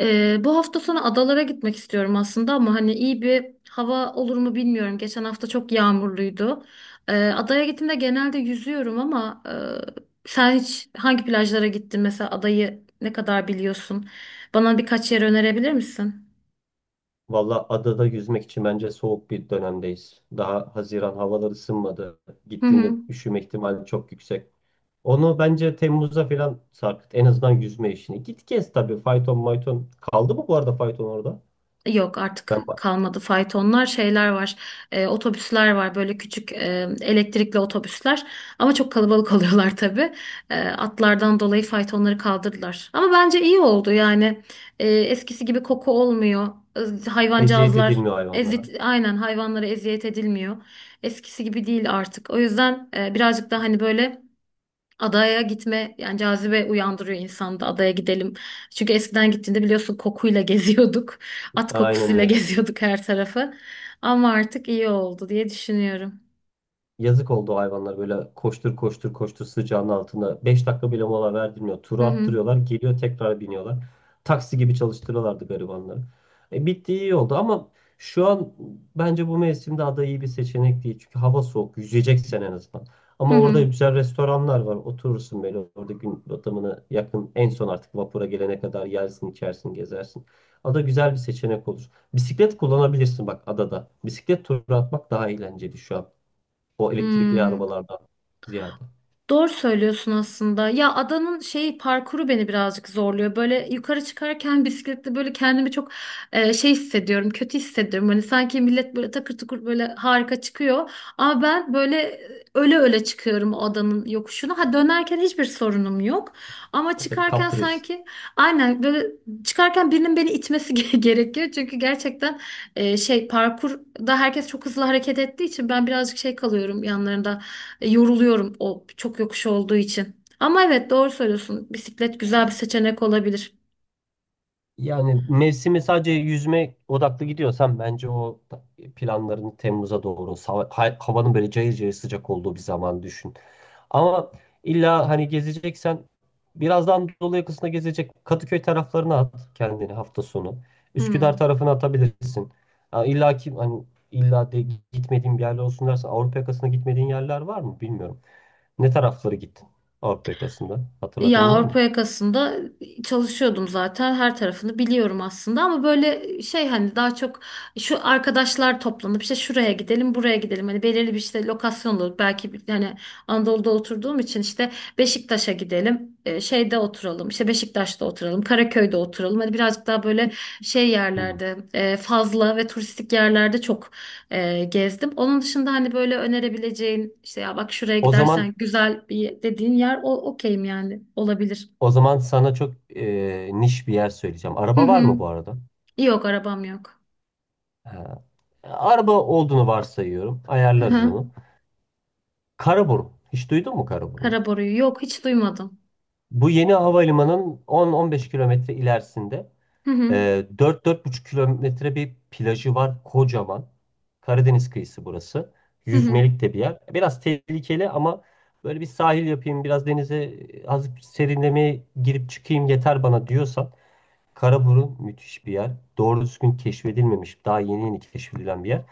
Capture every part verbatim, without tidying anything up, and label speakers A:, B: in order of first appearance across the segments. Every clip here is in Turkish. A: Ee, bu hafta sonu adalara gitmek istiyorum aslında ama hani iyi bir hava olur mu bilmiyorum. Geçen hafta çok yağmurluydu. Ee, adaya gittiğimde genelde yüzüyorum ama e, sen hiç hangi plajlara gittin mesela adayı ne kadar biliyorsun? Bana birkaç yer önerebilir misin?
B: Valla adada yüzmek için bence soğuk bir dönemdeyiz. Daha Haziran havalar ısınmadı.
A: Hı
B: Gittiğinde
A: hı.
B: üşüme ihtimali çok yüksek. Onu bence Temmuz'a falan sarkıt. En azından yüzme işini. Git gez tabii. Fayton mayton. Kaldı mı bu arada fayton orada?
A: Yok artık
B: Ben bak.
A: kalmadı faytonlar şeyler var, e, otobüsler var böyle küçük e, elektrikli otobüsler ama çok kalabalık oluyorlar tabii. E, atlardan dolayı faytonları kaldırdılar ama bence iyi oldu yani. E, eskisi gibi koku olmuyor. E,
B: Eziyet
A: hayvancağızlar,
B: edilmiyor
A: ezit
B: hayvanlara.
A: aynen, hayvanlara eziyet edilmiyor, eskisi gibi değil artık. O yüzden e, birazcık daha hani böyle adaya gitme yani cazibe uyandırıyor insanda, adaya gidelim. Çünkü eskiden gittiğinde biliyorsun kokuyla geziyorduk. At
B: Aynen
A: kokusuyla
B: öyle.
A: geziyorduk her tarafı. Ama artık iyi oldu diye düşünüyorum.
B: Yazık oldu o hayvanlar böyle koştur koştur koştur sıcağın altında. beş dakika bile mola verdirmiyor.
A: Hı
B: Turu
A: hı.
B: attırıyorlar. Geliyor tekrar biniyorlar. Taksi gibi çalıştırıyorlardı garibanları. E, bitti iyi oldu ama şu an bence bu mevsimde ada iyi bir seçenek değil. Çünkü hava soğuk. Yüzeceksen en azından.
A: Hı
B: Ama orada
A: hı.
B: güzel restoranlar var. Oturursun böyle orada gün batımına yakın en son artık vapura gelene kadar yersin, içersin, gezersin. Ada güzel bir seçenek olur. Bisiklet kullanabilirsin bak adada. Bisiklet turu atmak daha eğlenceli şu an. O elektrikli
A: Hmm.
B: arabalardan ziyade.
A: Doğru söylüyorsun aslında. Ya adanın şeyi, parkuru beni birazcık zorluyor. Böyle yukarı çıkarken bisikletle böyle kendimi çok e, şey hissediyorum, kötü hissediyorum. Hani sanki millet böyle takır tukur böyle harika çıkıyor. Ama ben böyle e, öle öle çıkıyorum o adanın yokuşuna. Ha dönerken hiçbir sorunum yok. Ama
B: Ya tabii
A: çıkarken
B: kaptırıyorsun.
A: sanki, aynen, böyle çıkarken birinin beni itmesi ge- gerekiyor. Çünkü gerçekten e, şey, parkurda herkes çok hızlı hareket ettiği için ben birazcık şey kalıyorum yanlarında. E, Yoruluyorum o çok yokuş olduğu için. Ama evet doğru söylüyorsun. Bisiklet güzel bir seçenek olabilir.
B: Yani mevsimi sadece yüzme odaklı gidiyorsan bence o ta- planlarını Temmuz'a doğru hava ha- havanın böyle cayır cayır sıcak olduğu bir zaman düşün. Ama illa hani gezeceksen biraz daha Anadolu yakasında gezecek Kadıköy taraflarına at kendini hafta sonu. Üsküdar
A: Hmm.
B: tarafına atabilirsin. Ha, illa ki hani illa de gitmediğin bir yerler olsun dersen Avrupa yakasına gitmediğin yerler var mı bilmiyorum. Ne tarafları gittin Avrupa yakasında?
A: Ya
B: Hatırladığın var mı?
A: Avrupa yakasında e, çalışıyordum zaten. Her tarafını biliyorum aslında ama böyle e, şey, hani daha çok şu arkadaşlar toplanıp işte şuraya gidelim, buraya gidelim. Hani belirli bir işte lokasyon olur. Belki bir- hani Anadolu'da oturduğum için işte Beşiktaş'a gidelim. e, Şeyde oturalım, işte Beşiktaş'ta oturalım, Karaköy'de oturalım. Hani birazcık daha böyle şey
B: Hmm.
A: yerlerde e, fazla ve turistik yerlerde çok e, gezdim. Onun dışında hani böyle önerebileceğin işte ya bak şuraya
B: O zaman
A: gidersen güzel bir dediğin yer, o okeyim yani, olabilir.
B: o zaman sana çok e, niş bir yer söyleyeceğim.
A: Hı
B: Araba var mı
A: hı.
B: bu arada?
A: Yok, arabam yok.
B: Ha. Araba olduğunu varsayıyorum.
A: Hı
B: Ayarlarız onu.
A: hı.
B: Karaburun. Hiç duydun mu Karaburun'u?
A: Karaboru'yu, yok, hiç duymadım.
B: Bu yeni havalimanının on on beş kilometre ilerisinde.
A: Hı hı.
B: Ee, dört buçuk kilometre bir plajı var kocaman. Karadeniz kıyısı burası.
A: Hı hı.
B: Yüzmelik de bir yer. Biraz tehlikeli ama böyle bir sahil yapayım, biraz denize e, az serinlemeye girip çıkayım yeter bana diyorsan Karaburun müthiş bir yer. Doğru düzgün keşfedilmemiş, daha yeni yeni keşfedilen bir yer.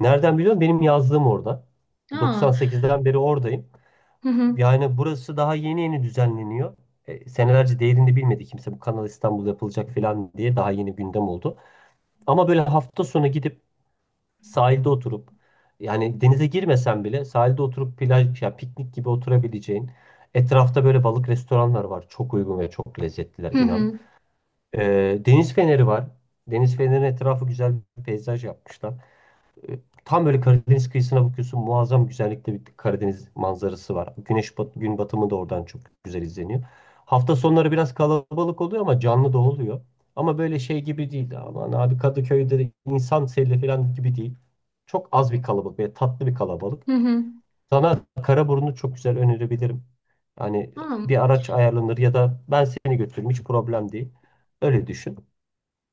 B: Nereden biliyorum? Benim yazlığım orada.
A: Aa.
B: doksan sekizden beri oradayım.
A: Hı hı.
B: Yani burası daha yeni yeni düzenleniyor. E, senelerce değerini bilmedi kimse, bu Kanal İstanbul yapılacak falan diye daha yeni gündem oldu. Ama böyle hafta sonu gidip sahilde oturup, yani denize girmesen bile sahilde oturup plaj ya piknik gibi oturabileceğin, etrafta böyle balık restoranlar var. Çok uygun ve çok lezzetliler
A: Hı
B: inan.
A: hı.
B: E, Deniz feneri var. Deniz fenerinin etrafı güzel bir peyzaj yapmışlar. E, Tam böyle Karadeniz kıyısına bakıyorsun. Muazzam güzellikte bir Karadeniz manzarası var. Güneş bat, gün batımı da oradan çok güzel izleniyor. Hafta sonları biraz kalabalık oluyor ama canlı da oluyor. Ama böyle şey gibi değil. Aman abi, Kadıköy'de de insan seli falan gibi değil. Çok az bir kalabalık ve tatlı bir kalabalık.
A: Hı hı.
B: Sana Karaburun'u çok güzel önerebilirim. Hani
A: Aa.
B: bir araç ayarlanır ya da ben seni götürürüm, hiç problem değil. Öyle düşün.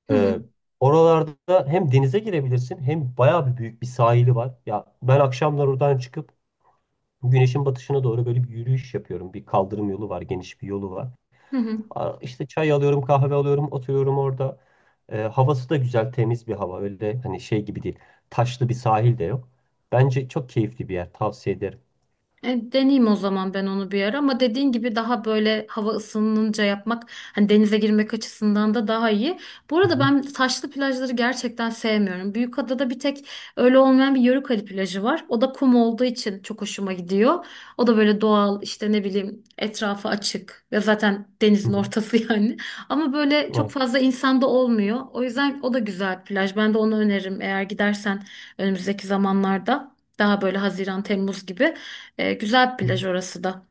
A: Hı
B: Ee,
A: hı.
B: Oralarda hem denize girebilirsin hem bayağı bir büyük bir sahili var. Ya ben akşamlar oradan çıkıp güneşin batışına doğru böyle bir yürüyüş yapıyorum. Bir kaldırım yolu var, geniş bir yolu var.
A: Hı hı.
B: Aa, İşte çay alıyorum, kahve alıyorum, oturuyorum orada. Ee, havası da güzel, temiz bir hava. Öyle hani şey gibi değil. Taşlı bir sahil de yok. Bence çok keyifli bir yer. Tavsiye ederim.
A: E, deneyeyim o zaman ben onu bir ara ama dediğin gibi daha böyle hava ısınınca yapmak, hani denize girmek açısından da daha iyi. Bu
B: Hı
A: arada
B: hı.
A: ben taşlı plajları gerçekten sevmiyorum. Büyükada'da bir tek öyle olmayan bir Yörükali plajı var. O da kum olduğu için çok hoşuma gidiyor. O da böyle doğal, işte ne bileyim, etrafı açık ve zaten
B: Hı
A: denizin
B: hı.
A: ortası yani. Ama böyle çok fazla insan da olmuyor. O yüzden o da güzel bir plaj. Ben de onu öneririm eğer gidersen önümüzdeki zamanlarda. Daha böyle Haziran, Temmuz gibi. E, güzel bir plaj
B: Evet.
A: orası da.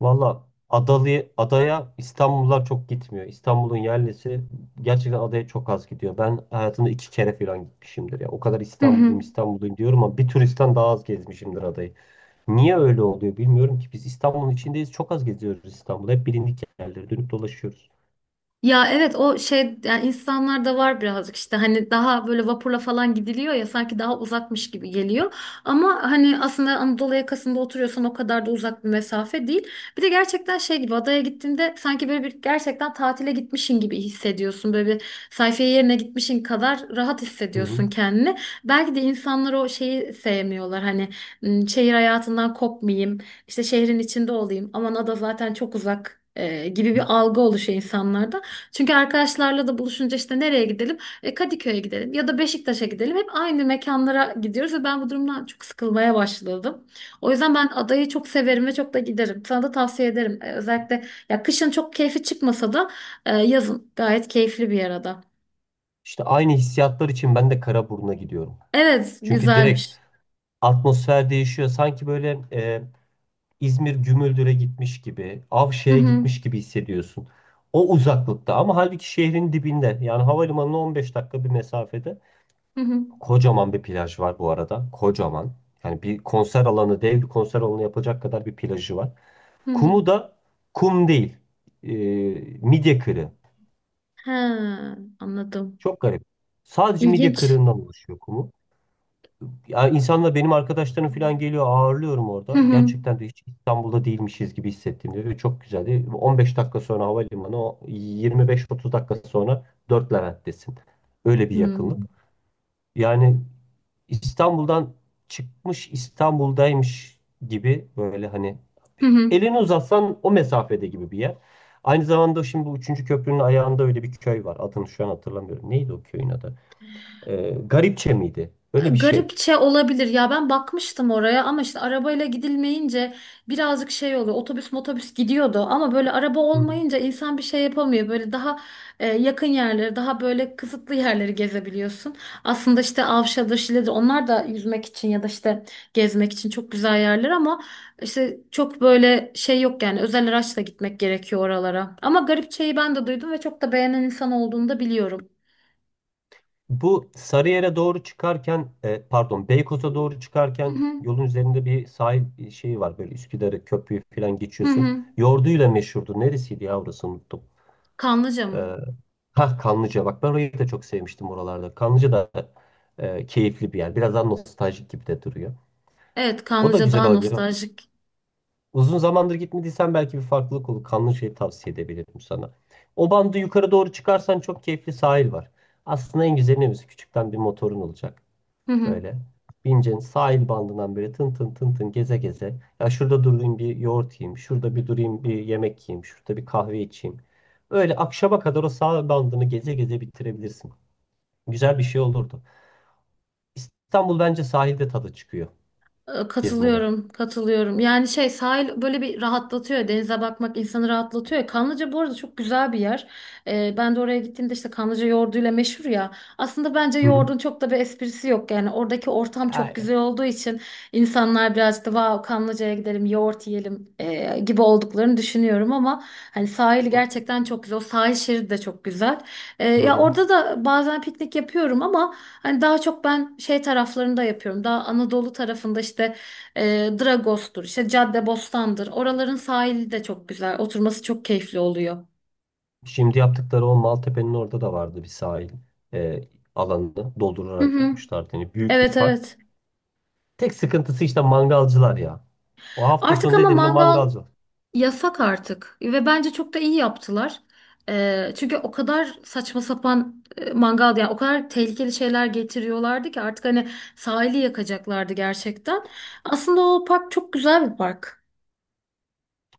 B: Valla Adalı, adaya İstanbullular çok gitmiyor. İstanbul'un yerlisi gerçekten adaya çok az gidiyor. Ben hayatımda iki kere falan gitmişimdir ya. O kadar
A: Hı
B: İstanbulluyum
A: hı.
B: İstanbulluyum diyorum ama bir turistten daha az gezmişimdir adayı. Niye öyle oluyor bilmiyorum ki. Biz İstanbul'un içindeyiz, çok az geziyoruz İstanbul'da. Hep bilindik yerlere dönüp dolaşıyoruz.
A: Ya evet, o şey yani, insanlarda var birazcık işte, hani daha böyle vapurla falan gidiliyor ya, sanki daha uzakmış gibi geliyor. Ama hani aslında Anadolu yakasında oturuyorsan o kadar da uzak bir mesafe değil. Bir de gerçekten şey gibi, adaya gittiğinde sanki böyle bir gerçekten tatile gitmişin gibi hissediyorsun. Böyle bir sayfiye yerine gitmişin kadar rahat
B: Hı hı.
A: hissediyorsun kendini. Belki de insanlar o şeyi sevmiyorlar, hani "M, şehir hayatından kopmayayım, işte şehrin içinde olayım, aman ada zaten çok uzak," e, gibi bir algı oluşuyor insanlarda. Çünkü arkadaşlarla da buluşunca işte nereye gidelim? E, Kadıköy'e gidelim ya da Beşiktaş'a gidelim. Hep aynı mekanlara gidiyoruz ve ben bu durumdan çok sıkılmaya başladım. O yüzden ben adayı çok severim ve çok da giderim. Sana da tavsiye ederim. E, özellikle ya kışın çok keyfi çıkmasa da e, yazın gayet keyifli bir yer ada.
B: İşte aynı hissiyatlar için ben de Karaburun'a gidiyorum.
A: Evet,
B: Çünkü direkt
A: güzelmiş.
B: atmosfer değişiyor. Sanki böyle e, İzmir Gümüldür'e gitmiş gibi,
A: Hı
B: Avşe'ye
A: hı.
B: gitmiş gibi hissediyorsun. O uzaklıkta ama halbuki şehrin dibinde, yani havalimanına on beş dakika bir mesafede
A: Hı hı.
B: kocaman bir plaj var bu arada. Kocaman. Yani bir konser alanı, dev bir konser alanı yapacak kadar bir plajı var.
A: Hı hı.
B: Kumu da kum değil. e, Midye kırığı.
A: He, anladım.
B: Çok garip. Sadece midye
A: İlginç.
B: kırığından oluşuyor kumu. Ya insanla benim arkadaşlarım falan geliyor, ağırlıyorum
A: Hı
B: orada.
A: hı.
B: Gerçekten de hiç İstanbul'da değilmişiz gibi hissettim diyor. Ve Çok güzeldi. on beş dakika sonra havalimanı, o yirmi beş otuz dakika sonra dört Levent'tesin. Öyle bir
A: Hı hı.
B: yakınlık. Yani İstanbul'dan çıkmış İstanbul'daymış gibi, böyle hani
A: Hı hı.
B: elini uzatsan o mesafede gibi bir yer. Aynı zamanda şimdi bu üçüncü köprünün ayağında öyle bir köy var. Adını şu an hatırlamıyorum. Neydi o köyün adı? Ee, Garipçe miydi? Öyle bir şey.
A: Garipçe olabilir ya, ben bakmıştım oraya ama işte arabayla gidilmeyince birazcık şey oluyor, otobüs motobüs gidiyordu ama böyle araba
B: Hı.
A: olmayınca insan bir şey yapamıyor, böyle daha e, yakın yerleri, daha böyle kısıtlı yerleri gezebiliyorsun aslında. İşte Avşa'dır, Şile'dir, onlar da yüzmek için ya da işte gezmek için çok güzel yerler ama işte çok böyle şey yok yani, özel araçla gitmek gerekiyor oralara. Ama Garipçe'yi ben de duydum ve çok da beğenen insan olduğunu da biliyorum.
B: Bu Sarıyer'e doğru çıkarken, e, pardon, Beykoz'a doğru
A: Hı
B: çıkarken
A: hı.
B: yolun üzerinde bir sahil e, şeyi var. Böyle Üsküdar'ı, köprüyü falan
A: Hı
B: geçiyorsun.
A: hı.
B: Yoğurduyla meşhurdu. Neresiydi ya orası, unuttum.
A: Kanlıca mı?
B: E, ha, Kanlıca, bak ben orayı da çok sevmiştim oralarda. Kanlıca da e, keyifli bir yer. Biraz daha nostaljik gibi de duruyor.
A: Evet,
B: O da
A: Kanlıca
B: güzel
A: daha
B: olabilir.
A: nostaljik.
B: Uzun zamandır gitmediysen belki bir farklılık olur. Kanlıca'yı tavsiye edebilirim sana. O bandı yukarı doğru çıkarsan çok keyifli sahil var. Aslında en güzeli ne biliyor, Küçükten bir motorun olacak.
A: Hı hı.
B: Böyle. Bineceksin sahil bandından böyle tın tın tın tın geze geze. Ya şurada durayım bir yoğurt yiyeyim. Şurada bir durayım bir yemek yiyeyim. Şurada bir kahve içeyim. Öyle akşama kadar o sahil bandını geze geze bitirebilirsin. Güzel bir şey olurdu. İstanbul bence sahilde tadı çıkıyor
A: Ee,
B: gezmede.
A: Katılıyorum, katılıyorum. Yani şey, sahil böyle bir rahatlatıyor. Denize bakmak insanı rahatlatıyor. Kanlıca bu arada çok güzel bir yer. Ee, ben de oraya gittiğimde işte Kanlıca yoğurduyla meşhur ya. Aslında bence
B: Hı hı.
A: yoğurdun çok da bir esprisi yok. Yani oradaki ortam çok
B: Aynen.
A: güzel olduğu için insanlar birazcık da "vav Kanlıca'ya gidelim yoğurt yiyelim," e, gibi olduklarını düşünüyorum ama hani sahil gerçekten çok güzel. O sahil şeridi de çok güzel. Ee,
B: Hı
A: ya
B: hı.
A: orada da bazen piknik yapıyorum ama hani daha çok ben şey taraflarında yapıyorum. Daha Anadolu tarafında işte e, Dragos'tur, işte Caddebostan'dır. Oraların sahili de çok güzel. Oturması çok keyifli oluyor.
B: Şimdi yaptıkları o Maltepe'nin orada da vardı bir sahil e, alanını
A: Hı
B: doldurarak
A: hı.
B: yapmışlardı. Yani büyük bir
A: Evet,
B: park.
A: evet.
B: Tek sıkıntısı işte mangalcılar ya. O hafta
A: Artık
B: sonu
A: ama
B: dedim mi
A: mangal
B: mangalcı.
A: yasak artık ve bence çok da iyi yaptılar. Ee, çünkü o kadar saçma sapan e, mangal, yani o kadar tehlikeli şeyler getiriyorlardı ki artık hani sahili yakacaklardı gerçekten. Aslında o park çok güzel bir park.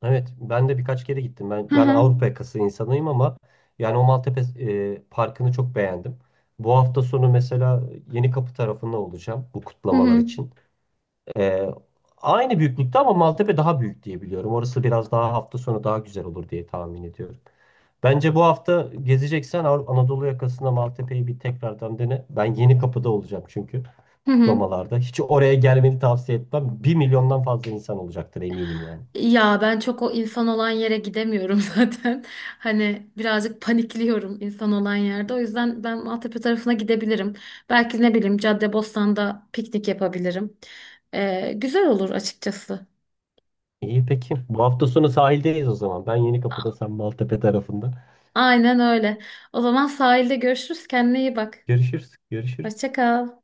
B: Evet, ben de birkaç kere gittim. Ben
A: Hı
B: ben
A: hı.
B: Avrupa yakası insanıyım ama yani o Maltepe e, Parkı'nı çok beğendim. Bu hafta sonu mesela Yenikapı tarafında olacağım bu
A: Hı
B: kutlamalar
A: hı.
B: için. E, Aynı büyüklükte ama Maltepe daha büyük diye biliyorum. Orası biraz daha hafta sonu daha güzel olur diye tahmin ediyorum. Bence bu hafta gezeceksen Avru- Anadolu yakasında Maltepe'yi bir tekrardan dene. Ben Yenikapı'da olacağım çünkü
A: Hı hı.
B: kutlamalarda. Hiç oraya gelmeni tavsiye etmem. Bir milyondan fazla insan olacaktır, eminim yani.
A: Ya ben çok o insan olan yere gidemiyorum zaten. Hani birazcık panikliyorum insan olan yerde. O yüzden ben Maltepe tarafına gidebilirim. Belki ne bileyim Caddebostan'da piknik yapabilirim. Ee, güzel olur açıkçası.
B: İyi peki. Bu hafta sonu sahildeyiz o zaman. Ben Yenikapı'da, sen Maltepe tarafında.
A: Aynen öyle. O zaman sahilde görüşürüz. Kendine iyi bak.
B: Görüşürüz. Görüşürüz.
A: Hoşça kal.